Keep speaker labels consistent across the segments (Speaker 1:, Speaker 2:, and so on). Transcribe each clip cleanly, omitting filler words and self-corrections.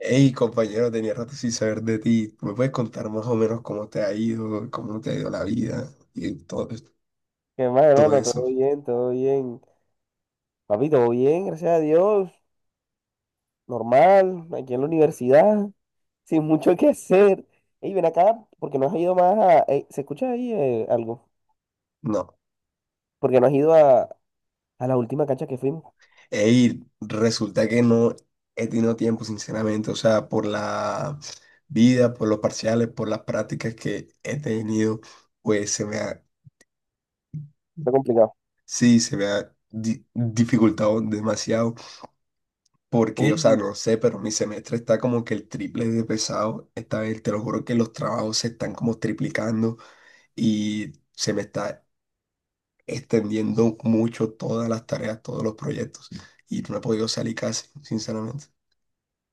Speaker 1: Hey, compañero, tenía rato sin saber de ti. ¿Me puedes contar más o menos cómo te ha ido la vida y todo,
Speaker 2: ¿Qué más,
Speaker 1: todo
Speaker 2: hermano? Todo
Speaker 1: eso?
Speaker 2: bien, todo bien. Papi, todo bien, gracias a Dios. Normal, aquí en la universidad, sin mucho que hacer. Y ven acá, porque no has ido más a... Ey, ¿se escucha ahí algo?
Speaker 1: No.
Speaker 2: Porque no has ido a la última cancha que fuimos.
Speaker 1: Hey, resulta que no he tenido tiempo, sinceramente. O sea, por la vida, por los parciales, por las prácticas que he tenido, pues
Speaker 2: Está complicado.
Speaker 1: sí, se me ha dificultado demasiado. Porque, o sea,
Speaker 2: Ey,
Speaker 1: no sé, pero mi semestre está como que el triple de pesado. Esta vez, te lo juro que los trabajos se están como triplicando. Y se me está extendiendo mucho todas las tareas, todos los proyectos y no he podido salir casi, sinceramente.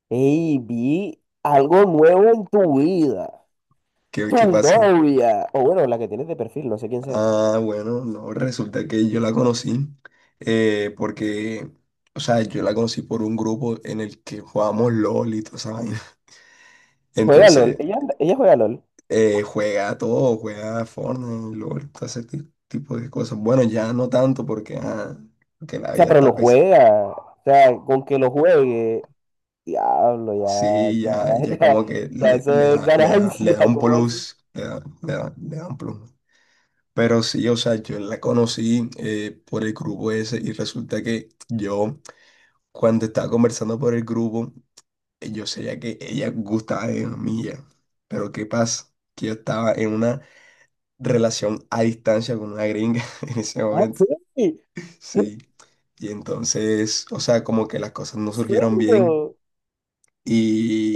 Speaker 2: ey, vi algo nuevo en tu vida.
Speaker 1: ¿Qué,
Speaker 2: Tu
Speaker 1: qué pasa?
Speaker 2: novia. O bueno, la que tienes de perfil, no sé quién sea.
Speaker 1: Ah, bueno, no, resulta que yo la conocí, porque, o sea, yo la conocí por un grupo en el que jugábamos LOL y toda esa vaina.
Speaker 2: Juega LOL.
Speaker 1: Entonces,
Speaker 2: Ella juega LOL. O
Speaker 1: eh, juega todo, juega Fortnite, LOL, todo ese tipo de cosas. Bueno, ya no tanto porque, porque la
Speaker 2: sea,
Speaker 1: vida
Speaker 2: pero
Speaker 1: está
Speaker 2: lo
Speaker 1: pesada.
Speaker 2: juega. O sea, con que lo juegue. Diablo, ya,
Speaker 1: Sí, ya,
Speaker 2: ya,
Speaker 1: ya
Speaker 2: ya,
Speaker 1: como que
Speaker 2: ya,
Speaker 1: le,
Speaker 2: eso
Speaker 1: le
Speaker 2: es
Speaker 1: da, le da, le
Speaker 2: ganancia,
Speaker 1: da un
Speaker 2: ¿cómo así?
Speaker 1: plus, le da un plus. Pero sí, o sea, yo la conocí, por el grupo ese y resulta que yo, cuando estaba conversando por el grupo, yo sabía que ella gustaba de mí ya. Pero ¿qué pasa? Que yo estaba en una relación a distancia con una gringa en ese
Speaker 2: ¿Cómo
Speaker 1: momento.
Speaker 2: así? ¿En
Speaker 1: Sí. Y entonces, o sea, como que las cosas no surgieron bien.
Speaker 2: serio?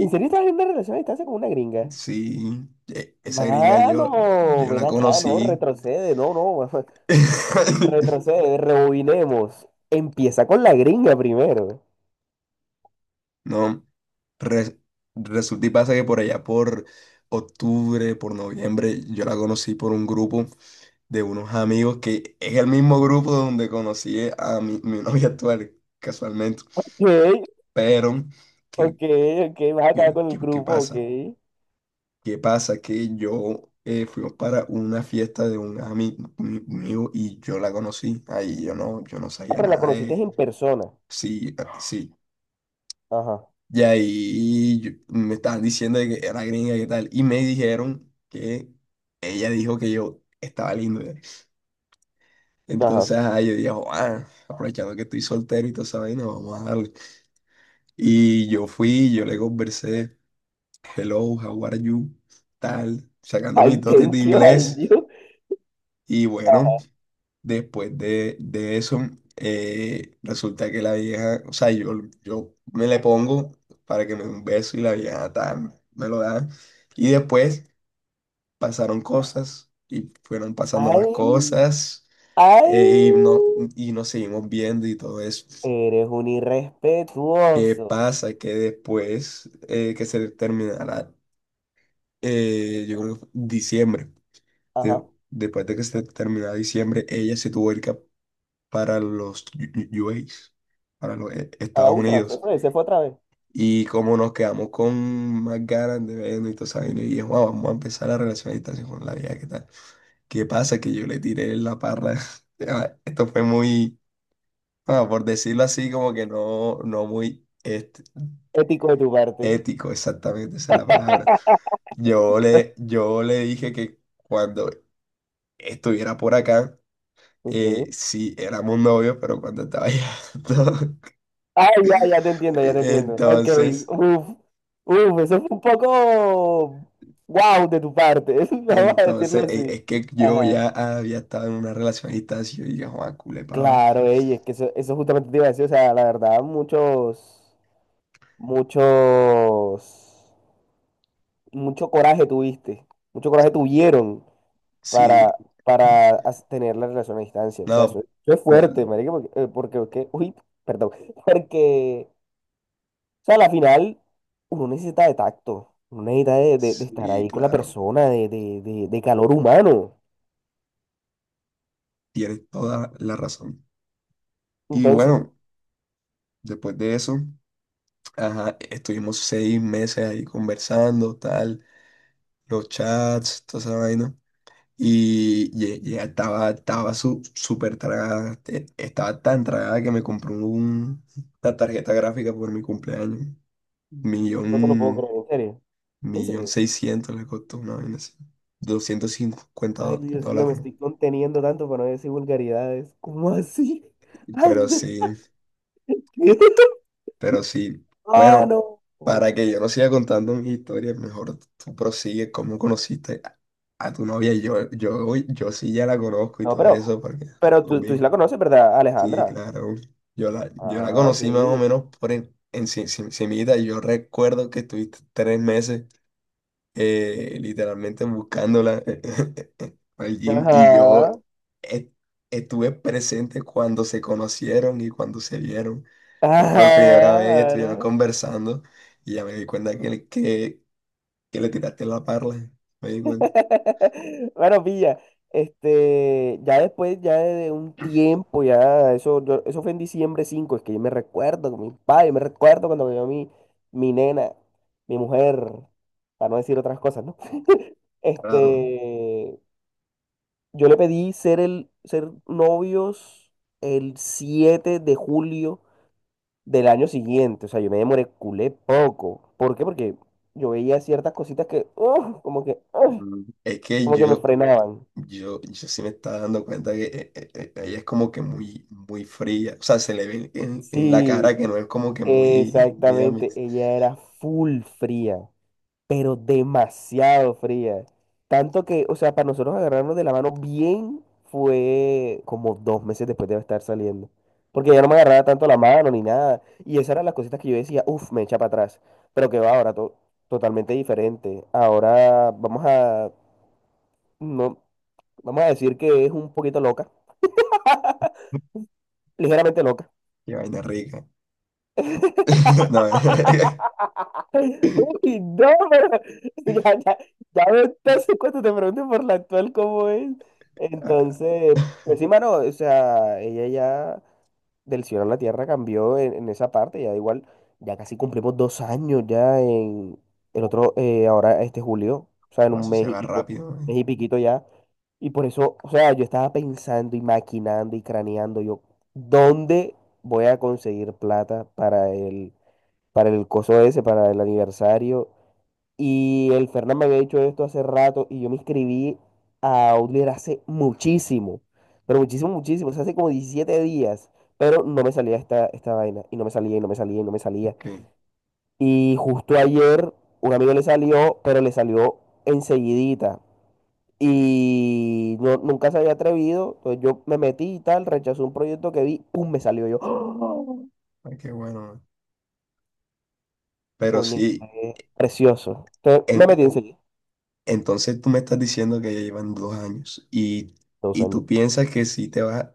Speaker 2: ¿En serio estás en una relación a distancia con una gringa?
Speaker 1: Sí, esa gringa yo,
Speaker 2: Mano,
Speaker 1: yo
Speaker 2: ven
Speaker 1: la
Speaker 2: acá, no,
Speaker 1: conocí.
Speaker 2: retrocede, no, no, retrocede, rebobinemos. Empieza con la gringa primero.
Speaker 1: No, re- resulta y pasa que por allá por octubre, por noviembre, yo la conocí por un grupo de unos amigos que es el mismo grupo donde conocí a mi novia actual, casualmente.
Speaker 2: Ok,
Speaker 1: Pero ¿qué,
Speaker 2: ok, ok, vas a acabar
Speaker 1: qué,
Speaker 2: con el
Speaker 1: qué- qué
Speaker 2: grupo, ok.
Speaker 1: pasa? ¿Qué pasa? Que yo, fuimos para una fiesta de un amigo y yo la conocí. Ahí yo no
Speaker 2: Ah,
Speaker 1: sabía
Speaker 2: pero la
Speaker 1: nada.
Speaker 2: conociste en persona.
Speaker 1: Sí, sí.
Speaker 2: Ajá,
Speaker 1: Y ahí me estaban diciendo de que era gringa y tal. Y me dijeron que ella dijo que yo estaba lindo. Ya.
Speaker 2: ajá.
Speaker 1: Entonces, yo dije, "Joa, aprovechando que estoy soltero y toda esa vaina, vamos a darle." Y yo fui, yo le conversé, hello, how are you, tal, sacando
Speaker 2: Ay,
Speaker 1: mis dotes de
Speaker 2: thank you, ay,
Speaker 1: inglés.
Speaker 2: Dios.
Speaker 1: Y bueno. Después de eso, resulta que la vieja, o sea, yo me le pongo para que me dé un beso y la vieja tal, me lo da. Y después pasaron cosas y fueron pasando
Speaker 2: Ay,
Speaker 1: más cosas,
Speaker 2: ay.
Speaker 1: no, y nos seguimos viendo y todo eso.
Speaker 2: Eres un
Speaker 1: ¿Qué
Speaker 2: irrespetuoso.
Speaker 1: pasa? Que después, que se terminará, yo creo que fue diciembre, de-
Speaker 2: Ajá.
Speaker 1: después de que se terminara diciembre, ella se tuvo que ir para los
Speaker 2: A la
Speaker 1: Estados
Speaker 2: usa,
Speaker 1: Unidos.
Speaker 2: se fue otra vez.
Speaker 1: Y como nos quedamos con más ganas de vernos y todo eso, y dije, "Juan, vamos a empezar la relación a distancia con la vida, ¿qué tal?" ¿Qué pasa? Que yo le tiré la parra. Ah, esto fue muy, por decirlo así, como que no muy
Speaker 2: Ético de tu parte.
Speaker 1: ético, exactamente, esa es la palabra. Yo le dije que cuando estuviera por acá,
Speaker 2: Ujú.
Speaker 1: sí éramos novios, pero cuando estaba allá, no.
Speaker 2: Ay, ya, ya te entiendo, ya te entiendo. Ok,
Speaker 1: Entonces,
Speaker 2: uf, uf, eso fue un poco wow de tu parte, vamos a decirlo así.
Speaker 1: Que yo
Speaker 2: Ajá.
Speaker 1: ya había estado en una relación a distancia y yo dije, Juan, culepaba.
Speaker 2: Claro, ey, es que eso justamente te iba a decir, o sea, la verdad, muchos, mucho coraje tuviste, mucho coraje tuvieron
Speaker 1: Sí,
Speaker 2: para,
Speaker 1: mm,
Speaker 2: para tener la relación a distancia. O sea, eso,
Speaker 1: no,
Speaker 2: eso es
Speaker 1: pero
Speaker 2: fuerte, marica, uy, perdón, porque, o sea, a la final uno necesita de tacto, uno necesita de estar
Speaker 1: sí,
Speaker 2: ahí con la
Speaker 1: claro,
Speaker 2: persona, de calor humano.
Speaker 1: tienes toda la razón. Y
Speaker 2: Entonces,
Speaker 1: bueno, después de eso, ajá, estuvimos 6 meses ahí conversando, tal, los chats, toda esa vaina. Y ya, estaba súper tragada, estaba tan tragada que me compró una tarjeta gráfica por mi cumpleaños. Millón.
Speaker 2: no te lo puedo creer, en serio, en
Speaker 1: Millón
Speaker 2: serio.
Speaker 1: seiscientos le costó una vaina así. 250
Speaker 2: Ay, Dios mío, me
Speaker 1: dólares.
Speaker 2: estoy conteniendo tanto para no decir vulgaridades. ¿Cómo así?
Speaker 1: Pero
Speaker 2: Anda,
Speaker 1: sí,
Speaker 2: ¿qué?
Speaker 1: pero sí.
Speaker 2: Ah,
Speaker 1: Bueno,
Speaker 2: no.
Speaker 1: para que yo no siga contando mi historia, mejor tú prosigue cómo conociste a tu novia. Yo sí ya la conozco y
Speaker 2: No,
Speaker 1: todo
Speaker 2: pero,
Speaker 1: eso, porque
Speaker 2: pero
Speaker 1: todo
Speaker 2: tú, tú sí
Speaker 1: bien.
Speaker 2: la conoces, ¿verdad,
Speaker 1: Sí,
Speaker 2: Alejandra?
Speaker 1: claro. Yo la
Speaker 2: Ah,
Speaker 1: conocí más o
Speaker 2: sí.
Speaker 1: menos por en cimita, y yo recuerdo que estuviste 3 meses, literalmente buscándola al gym y yo
Speaker 2: Ajá,
Speaker 1: e- estuve presente cuando se conocieron y cuando se vieron. Por primera vez estuvieron
Speaker 2: claro.
Speaker 1: conversando y ya me di cuenta que, que le tiraste la parla. Me di cuenta.
Speaker 2: Bueno, pilla, este, ya después, ya de un tiempo, ya, eso, eso fue en diciembre 5 es que yo me recuerdo con mi padre, yo me recuerdo cuando me vio mi, mi nena, mi mujer, para no decir otras cosas, ¿no?
Speaker 1: Claro.
Speaker 2: Este, yo le pedí ser novios el 7 de julio del año siguiente. O sea, yo me demoré culé poco. ¿Por qué? Porque yo veía ciertas cositas que, ¡uf! Como que, ¡uf!
Speaker 1: Es que
Speaker 2: Como que me
Speaker 1: yo,
Speaker 2: frenaban.
Speaker 1: yo sí me estaba dando cuenta que, ella es como que muy, muy fría. O sea, se le ve en la
Speaker 2: Sí,
Speaker 1: cara que no es como que muy, muy
Speaker 2: exactamente.
Speaker 1: amist-.
Speaker 2: Ella era full fría, pero demasiado fría. Tanto que, o sea, para nosotros agarrarnos de la mano bien fue como 2 meses después de estar saliendo. Porque ya no me agarraba tanto la mano ni nada. Y esas eran las cositas que yo decía, uff, me echa para atrás. Pero que va ahora, totalmente diferente. Ahora vamos a, no, vamos a decir que es un poquito loca, ligeramente loca.
Speaker 1: Qué vaina rica. No.
Speaker 2: Uy, no, pero ya, ya, ya me entonces cuando te pregunten por la actual cómo es.
Speaker 1: Ah,
Speaker 2: Entonces, pues sí, mano, o sea, ella ya del cielo a la tierra cambió en esa parte, ya igual, ya casi cumplimos 2 años ya en el otro, ahora este julio, o sea, en
Speaker 1: guau,
Speaker 2: un
Speaker 1: eso
Speaker 2: mes
Speaker 1: se
Speaker 2: y
Speaker 1: va
Speaker 2: pico,
Speaker 1: rápido, man.
Speaker 2: mes y piquito ya. Y por eso, o sea, yo estaba pensando y maquinando y craneando yo, ¿dónde voy a conseguir plata para el coso ese, para el aniversario? Y el Fernán me había dicho esto hace rato y yo me inscribí a Outlier hace muchísimo, pero muchísimo, muchísimo, o sea, hace como 17 días, pero no me salía esta, esta vaina y no me salía y no me salía y no me salía.
Speaker 1: Ok,
Speaker 2: Y justo ayer un amigo le salió, pero le salió enseguidita y no, nunca se había atrevido, entonces yo me metí y tal, rechazó un proyecto que vi, ¡pum! Me salió yo.
Speaker 1: ay, qué bueno, man. Pero
Speaker 2: Coño,
Speaker 1: sí,
Speaker 2: fue precioso. Entonces me metí
Speaker 1: en-
Speaker 2: enseguida,
Speaker 1: entonces tú me estás diciendo que ya llevan 2 años y,
Speaker 2: dos
Speaker 1: y
Speaker 2: años.
Speaker 1: tú piensas que si te vas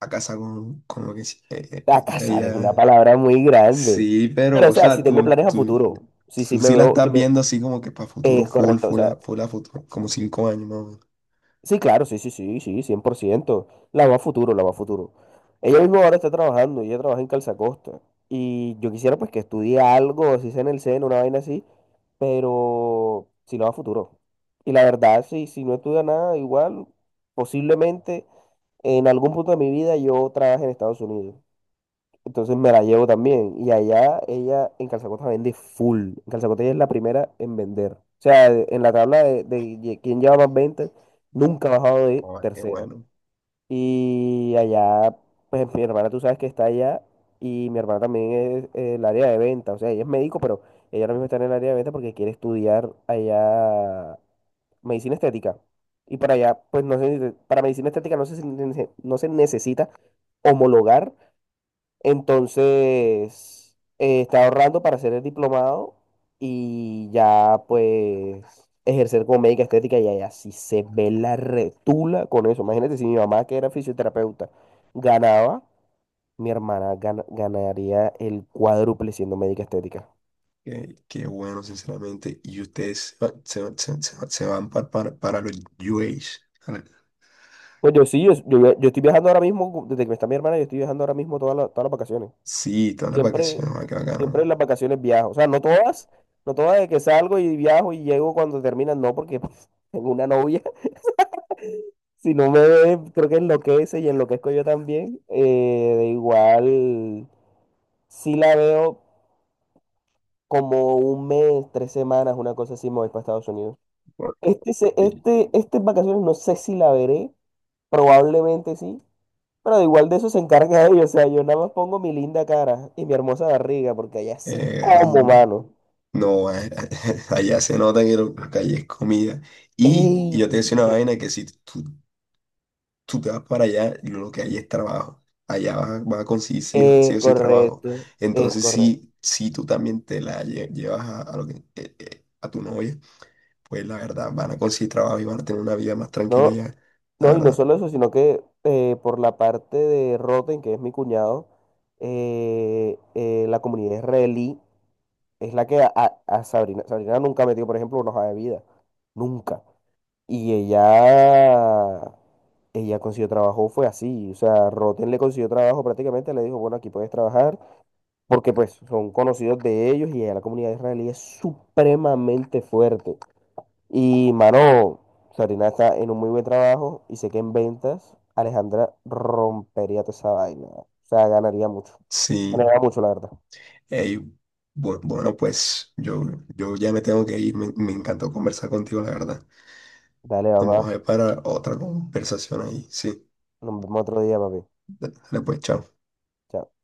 Speaker 1: a casa con lo que
Speaker 2: A casar es una
Speaker 1: ella.
Speaker 2: palabra muy grande.
Speaker 1: Sí, pero,
Speaker 2: Pero, o
Speaker 1: o
Speaker 2: sea, si
Speaker 1: sea,
Speaker 2: tengo
Speaker 1: tú,
Speaker 2: planes a
Speaker 1: tú,
Speaker 2: futuro, sí, sí
Speaker 1: tú
Speaker 2: me
Speaker 1: sí la
Speaker 2: veo, sí
Speaker 1: estás
Speaker 2: me...
Speaker 1: viendo así como que para futuro
Speaker 2: Es
Speaker 1: full,
Speaker 2: correcto, o
Speaker 1: full a,
Speaker 2: sea,
Speaker 1: full a futuro, como 5 años más o menos.
Speaker 2: sí, claro, sí, sí, sí, sí, 100%. La va a futuro, la va a futuro. Ella misma ahora está trabajando, ella trabaja en Calzacosta. Y yo quisiera pues que estudie algo, si sea en el seno, una vaina así, pero si la va a futuro. Y la verdad, sí, si no estudia nada, igual, posiblemente en algún punto de mi vida yo trabaje en Estados Unidos. Entonces me la llevo también. Y allá ella en Calzacota vende full. En Calzacota ella es la primera en vender. O sea, de- en la tabla de quién lleva más ventas, nunca ha bajado de
Speaker 1: Ay, qué
Speaker 2: tercera.
Speaker 1: bueno,
Speaker 2: Y allá, pues mi hermana tú sabes que está allá. Y mi hermana también es el área de venta. O sea, ella es médico, pero ella ahora mismo está en el área de venta porque quiere estudiar allá medicina estética. Y para allá, pues no sé, para medicina estética no se, no se necesita homologar entonces, estaba ahorrando para hacer el diplomado y ya pues ejercer como médica estética y allá sí se ve la retula con eso. Imagínate si mi mamá, que era fisioterapeuta, ganaba, mi hermana ganaría el cuádruple siendo médica estética.
Speaker 1: sinceramente. Y ustedes se van para los UAs.
Speaker 2: Pues yo sí, yo estoy viajando ahora mismo, desde que está mi hermana, yo estoy viajando ahora mismo todas las vacaciones.
Speaker 1: Sí, todas las
Speaker 2: Siempre,
Speaker 1: vacaciones, qué
Speaker 2: siempre en
Speaker 1: bacano.
Speaker 2: las vacaciones viajo. O sea, no todas, no todas de que salgo y viajo y llego cuando terminan, no, porque pues, tengo una novia. Si no me ve, creo que enloquece y enloquezco yo también. De igual, sí la veo como un mes, 3 semanas, una cosa así, me voy para Estados Unidos.
Speaker 1: Bueno,
Speaker 2: Este, se-
Speaker 1: sí.
Speaker 2: este, estas vacaciones no sé si la veré, probablemente sí, pero de igual de eso se encarga ella. O sea, yo nada más pongo mi linda cara y mi hermosa barriga, porque allá sí como,
Speaker 1: Grande.
Speaker 2: mano.
Speaker 1: No, allá se nota que lo que hay es comida. Y yo te decía
Speaker 2: ¡Ey!
Speaker 1: una vaina que si tú te vas para allá, lo que hay es trabajo. Allá vas, a vas a conseguir sí, o sí
Speaker 2: Es
Speaker 1: o sí trabajo.
Speaker 2: correcto, es
Speaker 1: Entonces,
Speaker 2: correcto.
Speaker 1: si tú también te la llevas a tu novia, pues la verdad van a conseguir trabajo y van a tener una vida más tranquila
Speaker 2: No,
Speaker 1: allá. La
Speaker 2: no, y no
Speaker 1: verdad.
Speaker 2: solo eso, sino que por la parte de Roten, que es mi cuñado, la comunidad israelí es la que a Sabrina, Sabrina nunca metió, por ejemplo, una hoja de vida. Nunca. Y ella consiguió trabajo, fue así. O sea, Roten le consiguió trabajo prácticamente, le dijo, bueno, aquí puedes trabajar, porque pues son conocidos de ellos y la comunidad israelí es supremamente fuerte. Y, mano, Sabrina está en un muy buen trabajo y sé que en ventas Alejandra rompería toda esa vaina. O sea, ganaría mucho.
Speaker 1: Sí.
Speaker 2: Ganaría mucho, la verdad.
Speaker 1: Ey, bueno, pues yo ya me tengo que ir. Me encantó conversar contigo, la verdad.
Speaker 2: Dale,
Speaker 1: Nos vamos a
Speaker 2: papá.
Speaker 1: ver para otra conversación ahí. Sí,
Speaker 2: Nos vemos otro día, papi.
Speaker 1: dale pues, chao.
Speaker 2: Chao.